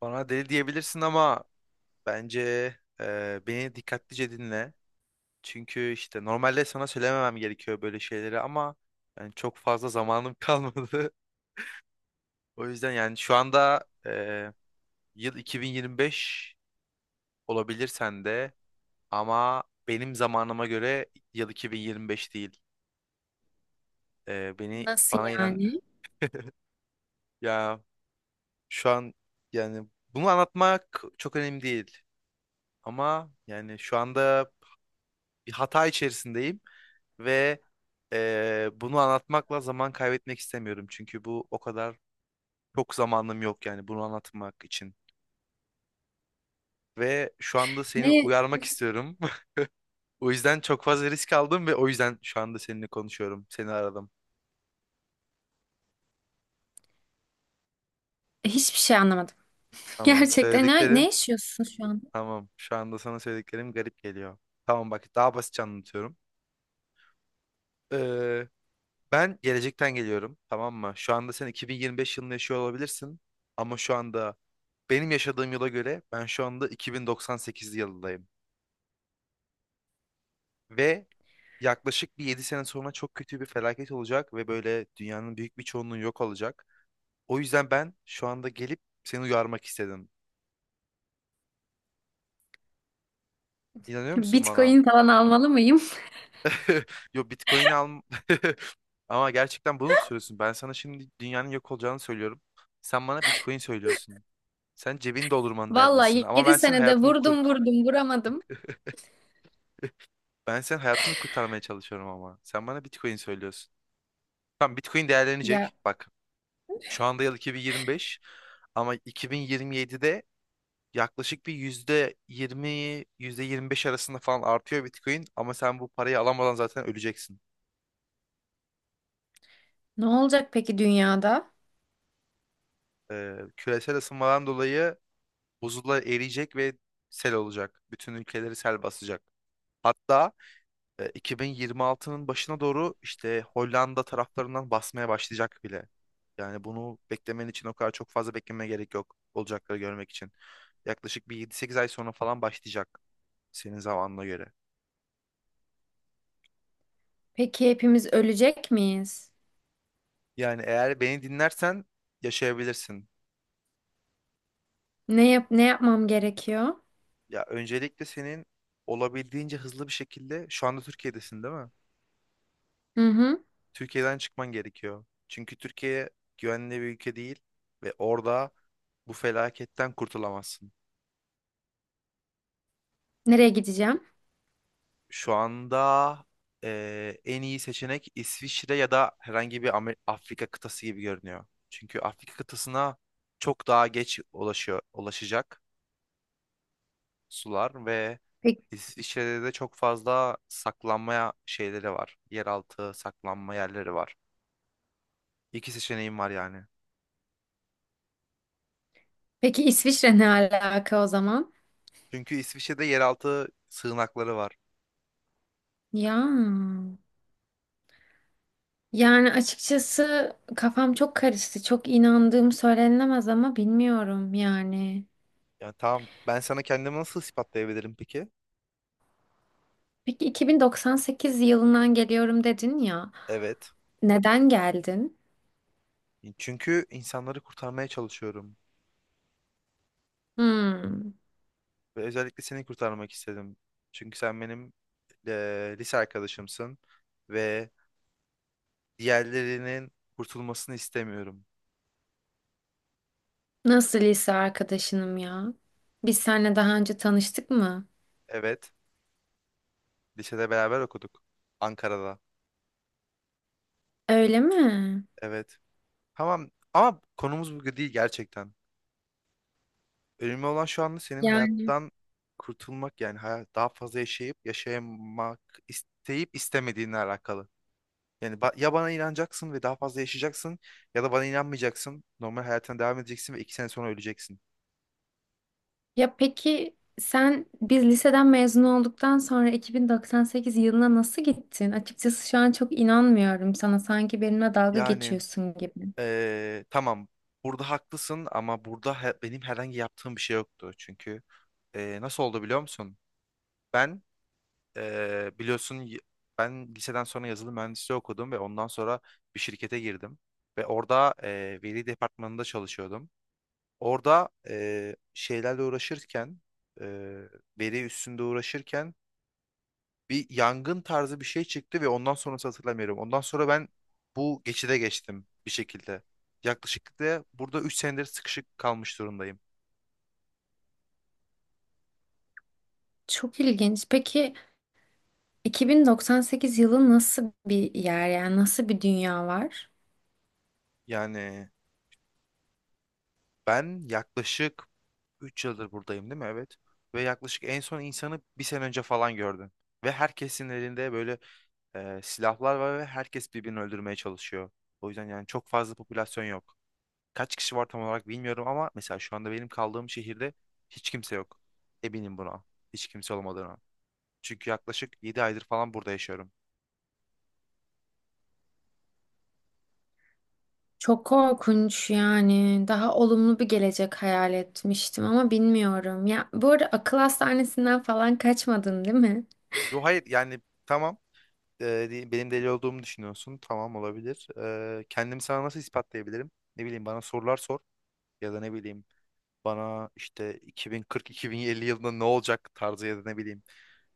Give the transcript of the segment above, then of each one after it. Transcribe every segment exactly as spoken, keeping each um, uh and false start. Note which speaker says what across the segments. Speaker 1: Bana deli diyebilirsin ama bence e, beni dikkatlice dinle. Çünkü işte normalde sana söylememem gerekiyor böyle şeyleri ama yani çok fazla zamanım kalmadı. O yüzden yani şu anda e, yıl iki bin yirmi beş olabilir sende ama benim zamanıma göre yıl iki bin yirmi beş değil. E, beni
Speaker 2: Nasıl
Speaker 1: bana inan
Speaker 2: yani?
Speaker 1: ya şu an yani bunu anlatmak çok önemli değil. Ama yani şu anda bir hata içerisindeyim ve eee, bunu anlatmakla zaman kaybetmek istemiyorum. Çünkü bu o kadar çok zamanım yok yani bunu anlatmak için. Ve şu anda seni
Speaker 2: Ne?
Speaker 1: uyarmak istiyorum. O yüzden çok fazla risk aldım ve o yüzden şu anda seninle konuşuyorum. Seni aradım.
Speaker 2: Hiçbir şey anlamadım.
Speaker 1: Tamam.
Speaker 2: Gerçekten ne, ne
Speaker 1: Söylediklerim.
Speaker 2: yaşıyorsun şu an?
Speaker 1: Tamam, şu anda sana söylediklerim garip geliyor. Tamam bak, daha basitçe anlatıyorum. Eee, ben gelecekten geliyorum. Tamam mı? Şu anda sen iki bin yirmi beş yılında yaşıyor olabilirsin. Ama şu anda benim yaşadığım yıla göre ben şu anda iki bin doksan sekiz yılındayım. Ve yaklaşık bir yedi sene sonra çok kötü bir felaket olacak ve böyle dünyanın büyük bir çoğunluğu yok olacak. O yüzden ben şu anda gelip seni uyarmak istedim. İnanıyor musun bana?
Speaker 2: Bitcoin falan almalı mıyım?
Speaker 1: Yo, Bitcoin al. Ama gerçekten bunu mu söylüyorsun? Ben sana şimdi dünyanın yok olacağını söylüyorum. Sen bana Bitcoin söylüyorsun. Sen cebini doldurman
Speaker 2: Vallahi
Speaker 1: derdisin ama
Speaker 2: yedi
Speaker 1: ben senin
Speaker 2: senede
Speaker 1: hayatını
Speaker 2: vurdum
Speaker 1: kurt.
Speaker 2: vurdum vuramadım.
Speaker 1: Ben senin hayatını kurtarmaya çalışıyorum ama. Sen bana Bitcoin söylüyorsun. Tamam, Bitcoin
Speaker 2: Ya
Speaker 1: değerlenecek. Bak, şu anda yıl iki bin yirmi beş ama iki bin yirmi yedide yaklaşık bir yüzde yirmi, yüzde yirmi beş arasında falan artıyor Bitcoin. Ama sen bu parayı alamadan zaten öleceksin.
Speaker 2: Ne olacak peki dünyada?
Speaker 1: Ee, küresel ısınmadan dolayı buzullar eriyecek ve sel olacak. Bütün ülkeleri sel basacak. Hatta e, iki bin yirmi altının başına doğru işte Hollanda taraflarından basmaya başlayacak bile. Yani bunu beklemen için o kadar çok fazla beklemeye gerek yok, olacakları görmek için. Yaklaşık bir yedi sekiz ay sonra falan başlayacak, senin zamanına göre.
Speaker 2: Peki hepimiz ölecek miyiz?
Speaker 1: Yani eğer beni dinlersen yaşayabilirsin.
Speaker 2: Ne yap ne yapmam gerekiyor?
Speaker 1: Ya öncelikle senin olabildiğince hızlı bir şekilde, şu anda Türkiye'desin değil mi?
Speaker 2: Hı hı.
Speaker 1: Türkiye'den çıkman gerekiyor. Çünkü Türkiye güvenli bir ülke değil ve orada bu felaketten kurtulamazsın.
Speaker 2: Nereye gideceğim?
Speaker 1: Şu anda eee, en iyi seçenek İsviçre ya da herhangi bir Amer- Afrika kıtası gibi görünüyor. Çünkü Afrika kıtasına çok daha geç ulaşıyor, ulaşacak sular ve
Speaker 2: Peki,
Speaker 1: İsviçre'de de çok fazla saklanmaya şeyleri var. Yeraltı saklanma yerleri var. İki seçeneğim var yani.
Speaker 2: peki İsviçre ne alaka o zaman?
Speaker 1: Çünkü İsviçre'de yeraltı sığınakları var.
Speaker 2: Ya Yani açıkçası kafam çok karıştı. Çok inandığım söylenemez ama bilmiyorum yani.
Speaker 1: Yani tamam, ben sana kendimi nasıl ispatlayabilirim peki?
Speaker 2: Peki iki bin doksan sekiz yılından geliyorum dedin ya.
Speaker 1: Evet.
Speaker 2: Neden geldin?
Speaker 1: Çünkü insanları kurtarmaya çalışıyorum.
Speaker 2: Hmm.
Speaker 1: Ve özellikle seni kurtarmak istedim. Çünkü sen benim eee, lise arkadaşımsın. Ve diğerlerinin kurtulmasını istemiyorum.
Speaker 2: Nasıl lise arkadaşınım ya? Biz seninle daha önce tanıştık mı?
Speaker 1: Evet. Lisede beraber okuduk. Ankara'da.
Speaker 2: Öyle mi?
Speaker 1: Evet. Tamam ama konumuz bu değil gerçekten. Önemli olan şu anda senin
Speaker 2: Yani
Speaker 1: hayattan kurtulmak, yani hayat daha fazla yaşayıp yaşamak isteyip istemediğinle alakalı. Yani ba- ya bana inanacaksın ve daha fazla yaşayacaksın ya da bana inanmayacaksın. Normal hayatına devam edeceksin ve iki sene sonra öleceksin.
Speaker 2: ya peki sen biz liseden mezun olduktan sonra iki bin doksan sekiz yılına nasıl gittin? Açıkçası şu an çok inanmıyorum sana. Sanki benimle dalga
Speaker 1: Yani
Speaker 2: geçiyorsun gibi.
Speaker 1: eee, tamam, burada haklısın ama burada he- benim herhangi yaptığım bir şey yoktu. Çünkü eee, nasıl oldu biliyor musun? Ben Ee, biliyorsun y- ben liseden sonra yazılım mühendisliği okudum ve ondan sonra bir şirkete girdim. Ve orada e, veri departmanında çalışıyordum. Orada e, şeylerle uğraşırken, e, veri üstünde uğraşırken bir yangın tarzı bir şey çıktı ve ondan sonrası hatırlamıyorum. Ondan sonra ben bu geçide geçtim bir şekilde. Yaklaşık da burada üç senedir sıkışık kalmış durumdayım.
Speaker 2: Çok ilginç. Peki iki bin doksan sekiz yılı nasıl bir yer yani nasıl bir dünya var?
Speaker 1: Yani ben yaklaşık Üç yıldır buradayım değil mi? Evet. Ve yaklaşık en son insanı bir sene önce falan gördüm. Ve herkesin elinde böyle e, silahlar var ve herkes birbirini öldürmeye çalışıyor. O yüzden yani çok fazla popülasyon yok. Kaç kişi var tam olarak bilmiyorum ama mesela şu anda benim kaldığım şehirde hiç kimse yok. Eminim buna. Hiç kimse olmadığına. Çünkü yaklaşık yedi aydır falan burada yaşıyorum.
Speaker 2: Çok korkunç yani. Daha olumlu bir gelecek hayal etmiştim ama bilmiyorum. Ya bu arada akıl hastanesinden falan kaçmadın değil mi?
Speaker 1: Yo, hayır yani, tamam. e, di- benim deli olduğumu düşünüyorsun. Tamam, olabilir. E, kendimi sana nasıl ispatlayabilirim? Ne bileyim, bana sorular sor. Ya da ne bileyim, bana işte iki bin kırk-iki bin elli yılında ne olacak tarzı ya da ne bileyim,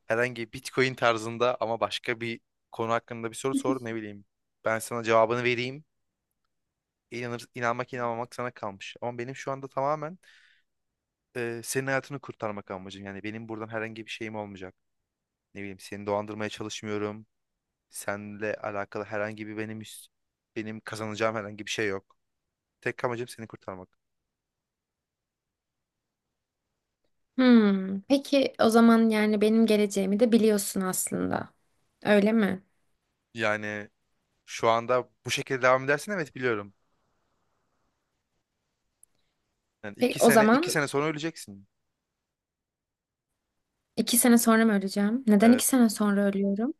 Speaker 1: herhangi Bitcoin tarzında ama başka bir konu hakkında bir soru sor ne bileyim. Ben sana cevabını vereyim. İnanır, inanmak inanmamak sana kalmış. Ama benim şu anda tamamen e, senin hayatını kurtarmak amacım. Yani benim buradan herhangi bir şeyim olmayacak. Ne bileyim, seni dolandırmaya çalışmıyorum. Seninle alakalı herhangi bir benim üst- benim kazanacağım herhangi bir şey yok. Tek amacım seni kurtarmak.
Speaker 2: Hmm. Peki o zaman yani benim geleceğimi de biliyorsun aslında. Öyle mi?
Speaker 1: Yani şu anda bu şekilde devam edersen evet, biliyorum. Yani
Speaker 2: Peki
Speaker 1: iki
Speaker 2: o
Speaker 1: sene iki
Speaker 2: zaman
Speaker 1: sene sonra öleceksin.
Speaker 2: iki sene sonra mı öleceğim? Neden iki
Speaker 1: Evet.
Speaker 2: sene sonra ölüyorum?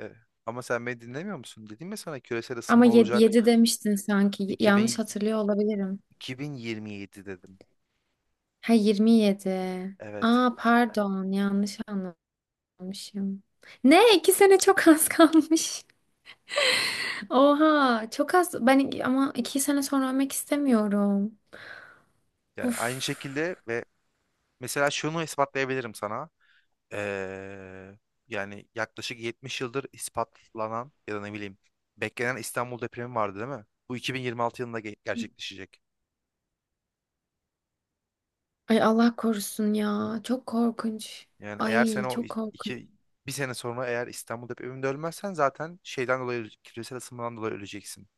Speaker 1: E, ama sen beni dinlemiyor musun? Dedim ya sana, küresel
Speaker 2: Ama
Speaker 1: ısınma
Speaker 2: yedi,
Speaker 1: olacak.
Speaker 2: yedi demiştin sanki. Yanlış
Speaker 1: iki bin,
Speaker 2: hatırlıyor olabilirim.
Speaker 1: iki bin yirmi yedi dedim.
Speaker 2: Ha yirmi yedi.
Speaker 1: Evet.
Speaker 2: Aa pardon yanlış anlamışım. Ne? İki sene çok az kalmış. Oha çok az. Ben iki- ama iki sene sonra ölmek istemiyorum.
Speaker 1: Yani
Speaker 2: Uf.
Speaker 1: aynı şekilde ve mesela şunu ispatlayabilirim sana. Ee, yani yaklaşık yetmiş yıldır ispatlanan ya da ne bileyim beklenen İstanbul depremi vardı değil mi? Bu iki bin yirmi altı yılında ge- gerçekleşecek.
Speaker 2: Ay Allah korusun ya. Çok korkunç.
Speaker 1: Yani eğer sen
Speaker 2: Ay
Speaker 1: o
Speaker 2: çok
Speaker 1: i-
Speaker 2: korkunç.
Speaker 1: iki bir sene sonra eğer İstanbul depreminde ölmezsen zaten şeyden dolayı, küresel ısınmadan dolayı öleceksin.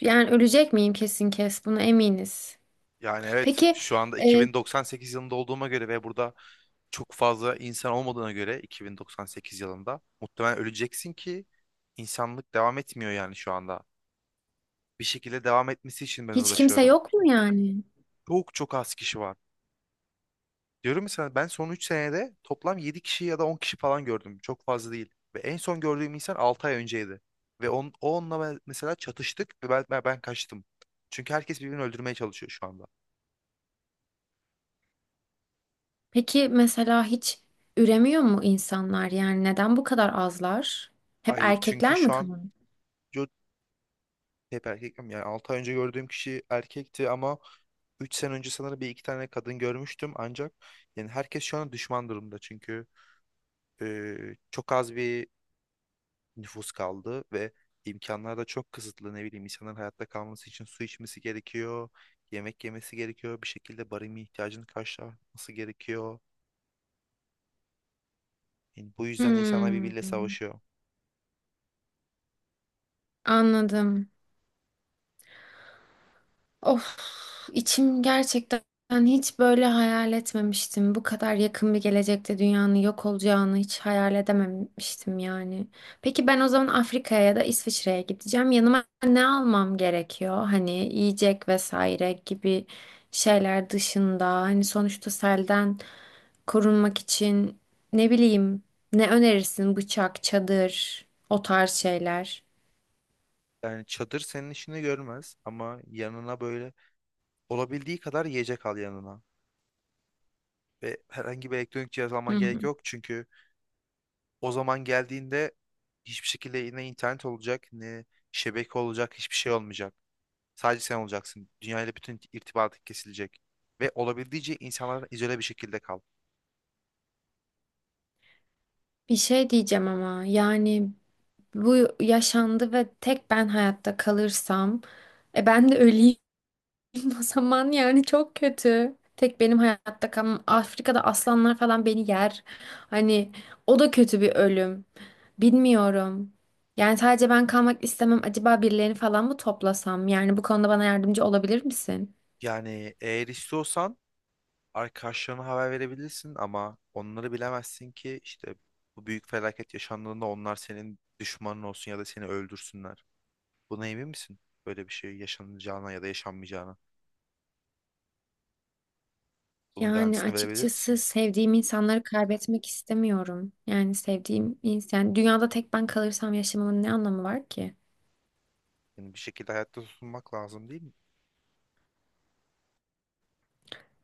Speaker 2: Yani ölecek miyim kesin kes. Buna eminiz.
Speaker 1: Yani evet,
Speaker 2: Peki
Speaker 1: şu anda
Speaker 2: e,
Speaker 1: iki bin doksan sekiz yılında olduğuma göre ve burada çok fazla insan olmadığına göre iki bin doksan sekiz yılında muhtemelen öleceksin ki insanlık devam etmiyor yani şu anda. Bir şekilde devam etmesi için ben
Speaker 2: hiç kimse
Speaker 1: uğraşıyorum.
Speaker 2: yok mu yani?
Speaker 1: Çok çok az kişi var. Diyorum ya sana, ben son üç senede toplam yedi kişi ya da on kişi falan gördüm. Çok fazla değil. Ve en son gördüğüm insan altı ay önceydi. Ve on, o onunla ben- mesela çatıştık ve ben, ben ben kaçtım. Çünkü herkes birbirini öldürmeye çalışıyor şu anda.
Speaker 2: Peki mesela hiç üremiyor mu insanlar? Yani neden bu kadar azlar? Hep
Speaker 1: Hayır, çünkü
Speaker 2: erkekler mi
Speaker 1: şu an
Speaker 2: kalıyor?
Speaker 1: Hep erkek mi? Yani altı ay önce gördüğüm kişi erkekti ama üç sene önce sanırım bir iki tane kadın görmüştüm, ancak yani herkes şu an düşman durumda. Çünkü e, çok az bir nüfus kaldı ve imkanlar da çok kısıtlı. Ne bileyim, insanların hayatta kalması için su içmesi gerekiyor, yemek yemesi gerekiyor, bir şekilde barınma ihtiyacını karşılaması gerekiyor. Yani bu yüzden insanlar
Speaker 2: Hmm,
Speaker 1: birbiriyle savaşıyor.
Speaker 2: anladım. Of, içim gerçekten hiç böyle hayal etmemiştim. Bu kadar yakın bir gelecekte dünyanın yok olacağını hiç hayal edememiştim yani. Peki ben o zaman Afrika'ya ya da İsviçre'ye gideceğim. Yanıma ne almam gerekiyor? Hani yiyecek vesaire gibi şeyler dışında. Hani sonuçta selden korunmak için ne bileyim ne önerirsin? Bıçak, çadır, o tarz şeyler.
Speaker 1: Yani çadır senin işini görmez ama yanına böyle olabildiği kadar yiyecek al yanına. ve herhangi bir elektronik cihaz
Speaker 2: Hı
Speaker 1: alman
Speaker 2: hı.
Speaker 1: gerek yok. Çünkü o zaman geldiğinde hiçbir şekilde ne internet olacak ne şebeke olacak, hiçbir şey olmayacak. Sadece sen olacaksın. Dünyayla bütün irtibatın kesilecek. Ve olabildiğince insanlardan izole bir şekilde kal.
Speaker 2: Bir şey diyeceğim ama yani bu yaşandı ve tek ben hayatta kalırsam e ben de öleyim o zaman yani çok kötü. Tek benim hayatta kalmam. Afrika'da aslanlar falan beni yer. Hani o da kötü bir ölüm. Bilmiyorum. Yani sadece ben kalmak istemem. Acaba birilerini falan mı toplasam? Yani bu konuda bana yardımcı olabilir misin?
Speaker 1: Yani eğer istiyorsan arkadaşlarına haber verebilirsin ama onları bilemezsin ki işte bu büyük felaket yaşandığında onlar senin düşmanın olsun ya da seni öldürsünler. Buna emin misin? Böyle bir şey yaşanacağına ya da yaşanmayacağına. Bunun
Speaker 2: Yani
Speaker 1: garantisini verebilir
Speaker 2: açıkçası
Speaker 1: misin?
Speaker 2: sevdiğim insanları kaybetmek istemiyorum. Yani sevdiğim insan, dünyada tek ben kalırsam yaşamamın ne anlamı var ki?
Speaker 1: Yani bir şekilde hayatta tutunmak lazım değil mi?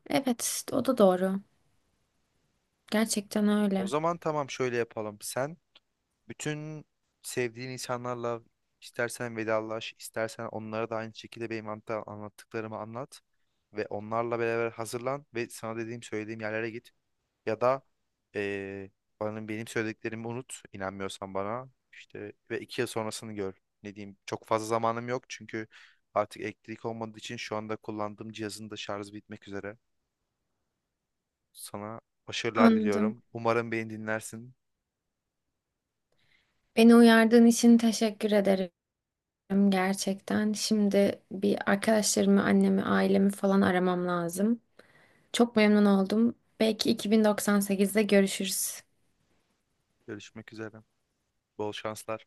Speaker 2: Evet, o da doğru. Gerçekten
Speaker 1: O
Speaker 2: öyle.
Speaker 1: zaman tamam, şöyle yapalım. Sen bütün sevdiğin insanlarla istersen vedalaş, istersen onlara da aynı şekilde benim anta- anlattıklarımı anlat ve onlarla beraber hazırlan ve sana dediğim söylediğim yerlere git. Ya da eee bana benim söylediklerimi unut, inanmıyorsan bana işte, ve iki yıl sonrasını gör. Ne diyeyim? Çok fazla zamanım yok çünkü artık elektrik olmadığı için şu anda kullandığım cihazın da şarjı bitmek üzere. Sana başarılar
Speaker 2: Anladım.
Speaker 1: diliyorum. Umarım beni dinlersin.
Speaker 2: Beni uyardığın için teşekkür ederim gerçekten. Şimdi bir arkadaşlarımı, annemi, ailemi falan aramam lazım. Çok memnun oldum. Belki iki bin doksan sekizde görüşürüz.
Speaker 1: Görüşmek üzere. Bol şanslar.